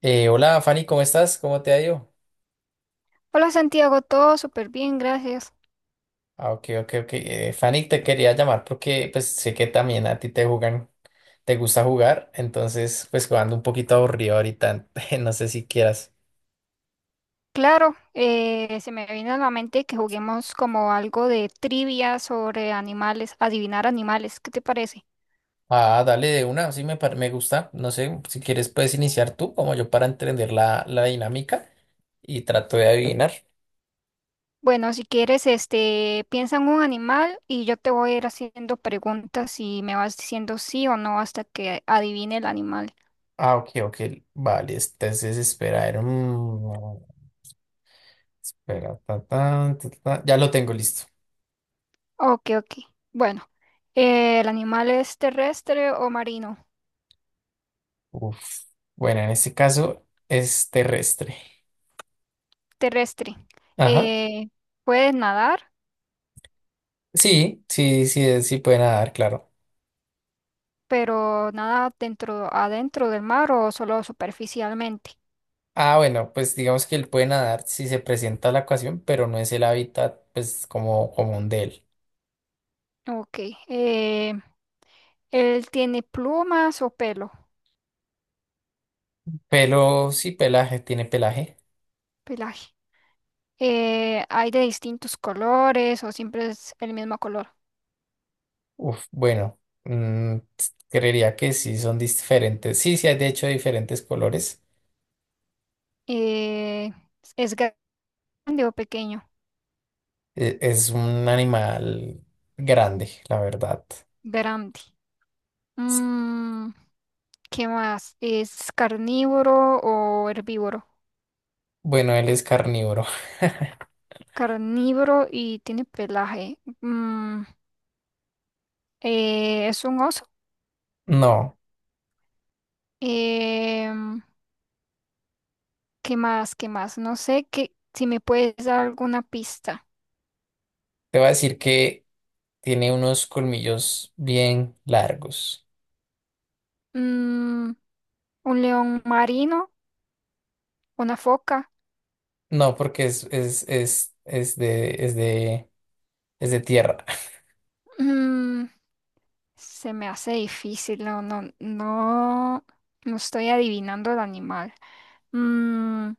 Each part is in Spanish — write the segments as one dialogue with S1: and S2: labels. S1: Hola Fanny, ¿cómo estás? ¿Cómo te ha ido?
S2: Hola Santiago, todo súper bien, gracias.
S1: Ah, ok, ok, ok. Fanny, te quería llamar porque pues sé que también a ti te jugan, te gusta jugar, entonces pues jugando un poquito aburrido ahorita, no sé si quieras.
S2: Claro, se me vino a la mente que juguemos como algo de trivia sobre animales, adivinar animales, ¿qué te parece?
S1: Ah, dale de una, sí me, me gusta, no sé, si quieres puedes iniciar tú como yo para entender la dinámica y trato de adivinar.
S2: Bueno, si quieres, piensa en un animal y yo te voy a ir haciendo preguntas y me vas diciendo sí o no hasta que adivine el animal.
S1: Ah, ok, ok, vale, entonces espera, a ver, espera, ta, ta, ta, ta, ya lo tengo listo.
S2: Ok, ok. Bueno, ¿el animal es terrestre o marino?
S1: Uf. Bueno, en este caso es terrestre.
S2: Terrestre.
S1: Ajá.
S2: Eh, ¿Puede nadar?
S1: Sí, sí, sí, sí puede nadar, claro.
S2: Pero nada dentro, adentro del mar o solo superficialmente.
S1: Ah, bueno, pues digamos que él puede nadar si se presenta la ocasión, pero no es el hábitat, pues, como común de él.
S2: Ok. eh, ¿él tiene plumas o pelo?
S1: Pero sí, pelaje, tiene pelaje.
S2: Pelaje. ¿Hay de distintos colores o siempre es el mismo color?
S1: Uf, bueno, creería que sí son diferentes. Sí, sí hay de hecho diferentes colores.
S2: Eh, ¿Es grande o pequeño?
S1: Es un animal grande, la verdad.
S2: Grande.
S1: S-
S2: Mm, ¿qué más? ¿Es carnívoro o herbívoro?
S1: Bueno, él es carnívoro.
S2: Carnívoro y tiene pelaje. Mm, ¿es un oso?
S1: No,
S2: Em, ¿Qué más? ¿Qué más? No sé qué, si me puedes dar alguna pista.
S1: te voy a decir que tiene unos colmillos bien largos.
S2: Mm, un león marino, una foca.
S1: No, porque es de, es de, es de tierra.
S2: Mm, se me hace difícil, no estoy adivinando el animal. Mm,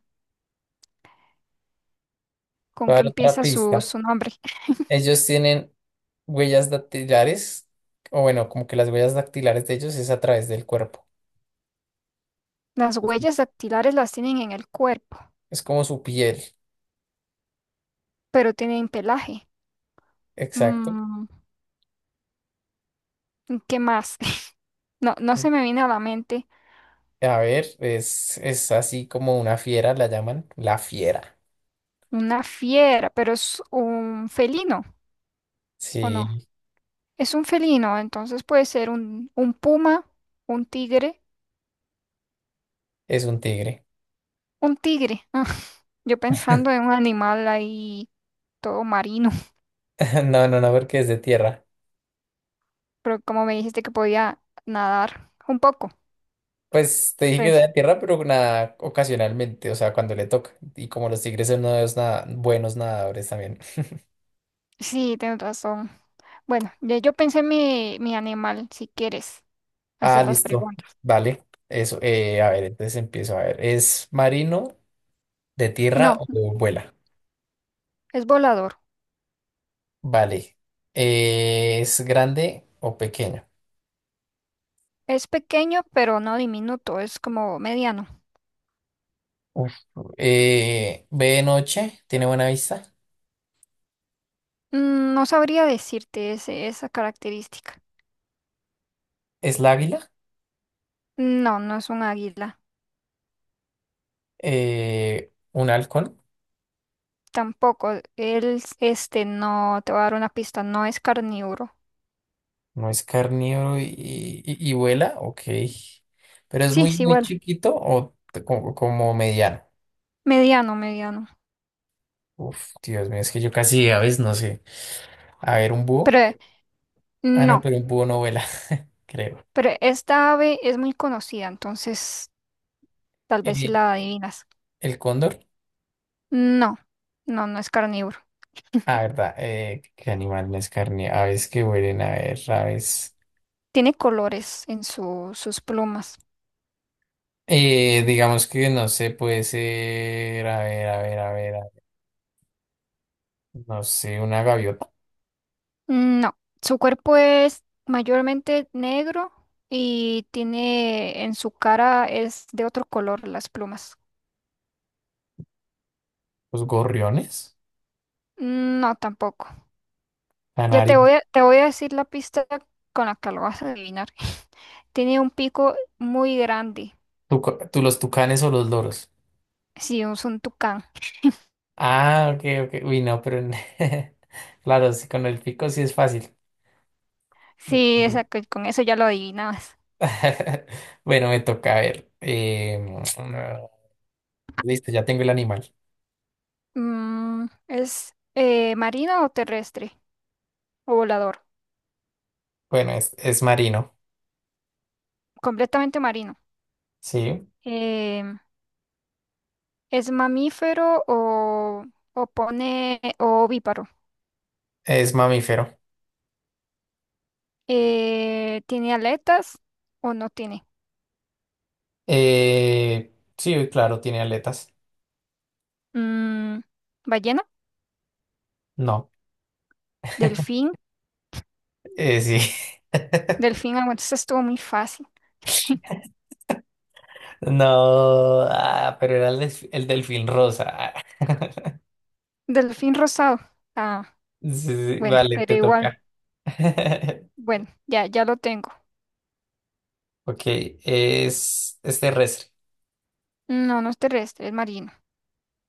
S1: Voy
S2: ¿con
S1: a
S2: qué
S1: dar otra
S2: empieza
S1: pista.
S2: su nombre?
S1: Ellos tienen huellas dactilares, o bueno, como que las huellas dactilares de ellos es a través del cuerpo.
S2: Las
S1: Es
S2: huellas dactilares las tienen en el cuerpo,
S1: es como su piel.
S2: pero tienen pelaje.
S1: Exacto.
S2: Mm, ¿qué más? No, no
S1: Mm.
S2: se me viene a la mente
S1: A ver, es así como una fiera, la llaman la fiera.
S2: una fiera, pero es un felino, ¿o no?
S1: Sí,
S2: Es un felino, entonces puede ser un puma, un tigre,
S1: es un tigre.
S2: un tigre. Ah, yo pensando en un animal ahí todo marino,
S1: No, no, no, porque es de tierra.
S2: pero como me dijiste que podía nadar un poco.
S1: Pues te dije que
S2: Pues sí.
S1: era de tierra, pero nada, ocasionalmente, o sea, cuando le toca. Y como los tigres son unos nada, buenos nadadores también.
S2: Sí, tienes razón. Bueno, ya yo pensé mi animal, si quieres
S1: Ah,
S2: hacer las
S1: listo.
S2: preguntas.
S1: Vale. Eso. A ver, entonces empiezo. A ver. ¿Es marino, de tierra
S2: No,
S1: o vuela?
S2: es volador.
S1: Vale. ¿Es grande o pequeño?
S2: Es pequeño, pero no diminuto, es como mediano.
S1: Uf. ¿Ve de noche? ¿Tiene buena vista?
S2: No sabría decirte esa característica.
S1: ¿Es la águila?
S2: No, no es un águila.
S1: ¿Un halcón?
S2: Tampoco, él, no, te voy a dar una pista, no es carnívoro.
S1: ¿No es carnívoro y, y vuela? Ok. ¿Pero es
S2: Sí,
S1: muy,
S2: sí,
S1: muy
S2: bueno,
S1: chiquito o como, como mediano?
S2: mediano, mediano.
S1: Uf, Dios mío, es que yo casi a veces no sé. A ver, ¿un
S2: Pero
S1: búho? Ah, no,
S2: no,
S1: pero un búho no vuela, creo.
S2: pero esta ave es muy conocida, entonces tal vez si
S1: Eh,
S2: la adivinas.
S1: el cóndor.
S2: No, no, no es carnívoro.
S1: Ah, verdad. ¿Qué animal no es carne? Aves que vuelen a ver, aves.
S2: Tiene colores en sus plumas.
S1: Digamos que no sé, puede ser. A ver, a ver, a ver. No sé, una gaviota.
S2: No, su cuerpo es mayormente negro y tiene en su cara es de otro color las plumas.
S1: Los gorriones.
S2: No, tampoco. Ya
S1: Canarios.
S2: te voy a decir la pista con la que lo vas a adivinar. Tiene un pico muy grande.
S1: Tú, los tucanes o los loros.
S2: Sí, es un tucán.
S1: Ah, ok, ok. Uy, no, pero. Claro, sí, con el pico sí es fácil.
S2: Sí,
S1: Ok.
S2: esa, con eso ya lo adivinabas.
S1: Bueno, me toca a ver. Listo, ya tengo el animal.
S2: Mm, ¿es marino o terrestre? ¿O volador?
S1: Bueno, es marino.
S2: Completamente marino.
S1: Sí.
S2: Em, ¿Es mamífero o pone o ovíparo?
S1: Es mamífero.
S2: ¿Tiene aletas o no tiene?
S1: Sí, claro, tiene aletas.
S2: Mm, ¿ballena?
S1: No,
S2: ¿Delfín?
S1: sí.
S2: Delfín, ah, bueno, eso estuvo muy fácil.
S1: No, ah, pero era el, el delfín rosa.
S2: Delfín rosado. Ah,
S1: Sí, sí,
S2: bueno,
S1: vale,
S2: pero
S1: te
S2: igual.
S1: toca.
S2: Bueno, ya, ya lo tengo.
S1: Ok, es terrestre.
S2: No, no es terrestre, es marino.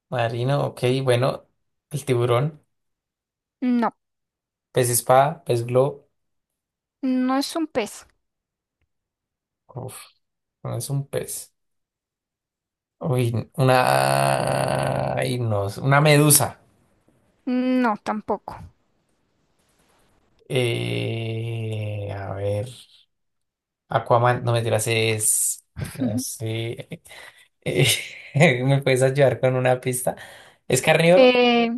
S1: Marino, ok, bueno, el tiburón,
S2: No,
S1: pez espada, pez globo.
S2: no es un pez.
S1: Uf, no es un pez. Uy, una. Ay, no, una medusa.
S2: No, tampoco.
S1: A ver. Aquaman, no me tiras, es. No sé. eh, ¿Me puedes ayudar con una pista? ¿Es carnívoro?
S2: Eh,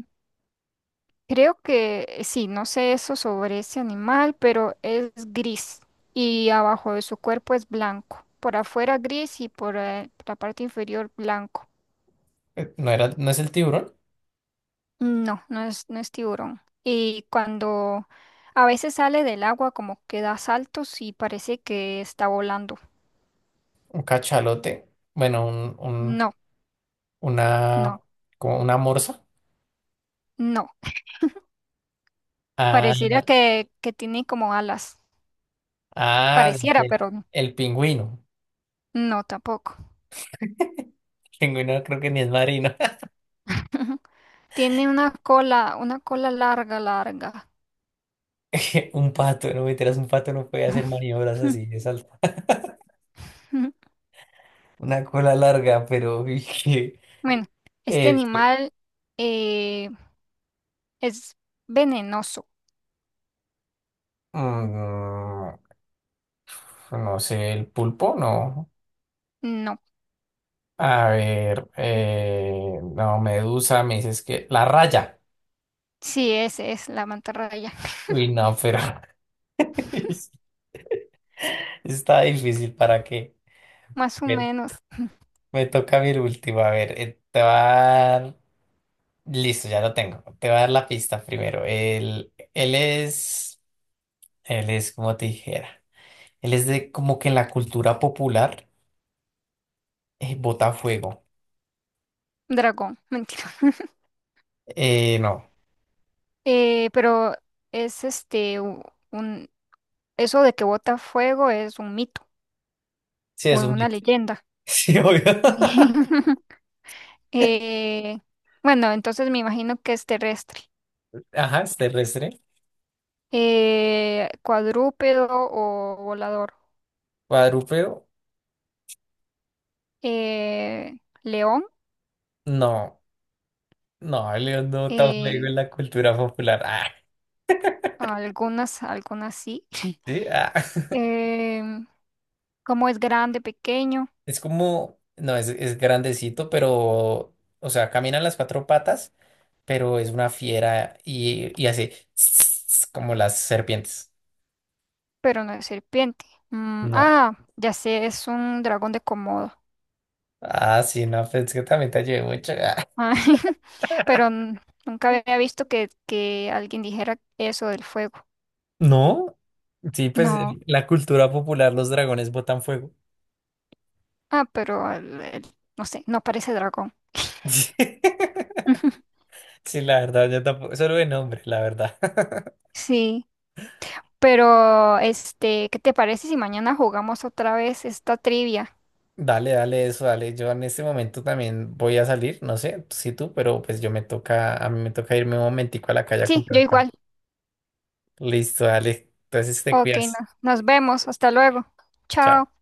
S2: creo que sí, no sé eso sobre ese animal, pero es gris y abajo de su cuerpo es blanco. Por afuera gris y por la parte inferior blanco.
S1: No era, no es el tiburón.
S2: No, no es, no es tiburón. Y cuando a veces sale del agua como que da saltos y parece que está volando.
S1: Un cachalote. Bueno,
S2: No, no,
S1: una. Como una morsa.
S2: no.
S1: Ah,
S2: Pareciera que tiene como alas.
S1: ah, ya
S2: Pareciera,
S1: sé,
S2: pero
S1: el pingüino.
S2: no tampoco.
S1: El pingüino creo que ni es marino.
S2: Tiene una cola larga, larga.
S1: Un pato, no me tiras, un pato no puede hacer maniobras así. Es alto. Una cola larga, pero. uy, que-
S2: Bueno, este
S1: Este,
S2: animal eh, es venenoso.
S1: mm, no sé, el pulpo, no.
S2: No,
S1: A ver, no, Medusa, me dices que la raya.
S2: sí, ese es la mantarraya.
S1: Uy, no, pero está difícil para qué.
S2: Más o
S1: me,
S2: menos
S1: me toca mi último. A ver, te va a dar. Listo, ya lo tengo. Te va a dar la pista primero. Él es como te dijera. Él es de como que en la cultura popular bota fuego.
S2: dragón, mentira.
S1: No,
S2: Pero es un eso de que bota fuego es un mito
S1: sí
S2: o
S1: es un
S2: una
S1: mito.
S2: leyenda.
S1: Sí, obvio.
S2: Eh, bueno, entonces me imagino que es terrestre.
S1: Ajá, es terrestre.
S2: Cuadrúpedo o volador.
S1: Cuadrúpedo,
S2: Eh, león,
S1: no. No, León no tan juego
S2: eh,
S1: en la cultura popular. Ah,
S2: algunas, algunas sí.
S1: sí, ah.
S2: Em, como es grande, pequeño,
S1: Es como, no, es grandecito, pero, o sea, camina en las cuatro patas, pero es una fiera y hace como las serpientes.
S2: pero no es serpiente. Mm,
S1: No.
S2: ah, ya sé, es un dragón de Komodo.
S1: Ah, sí, no, pues es que también te ayudé mucho.
S2: Ah,
S1: Ah.
S2: pero nunca había visto que alguien dijera eso del fuego.
S1: No, sí, pues
S2: No.
S1: en la cultura popular, los dragones botan fuego.
S2: Ah, pero no sé, no parece dragón.
S1: Sí, la verdad, yo tampoco, solo de nombre, la verdad.
S2: Sí, pero este, ¿qué te parece si mañana jugamos otra vez esta trivia?
S1: Dale, dale eso, dale. Yo en este momento también voy a salir, no sé si tú, pero pues yo me toca, a mí me toca irme un momentico a la calle a
S2: Sí, yo
S1: comprar pan.
S2: igual.
S1: Listo, dale. Entonces te
S2: Ok,
S1: cuidas.
S2: nos vemos. Hasta luego. Chao.
S1: Chao.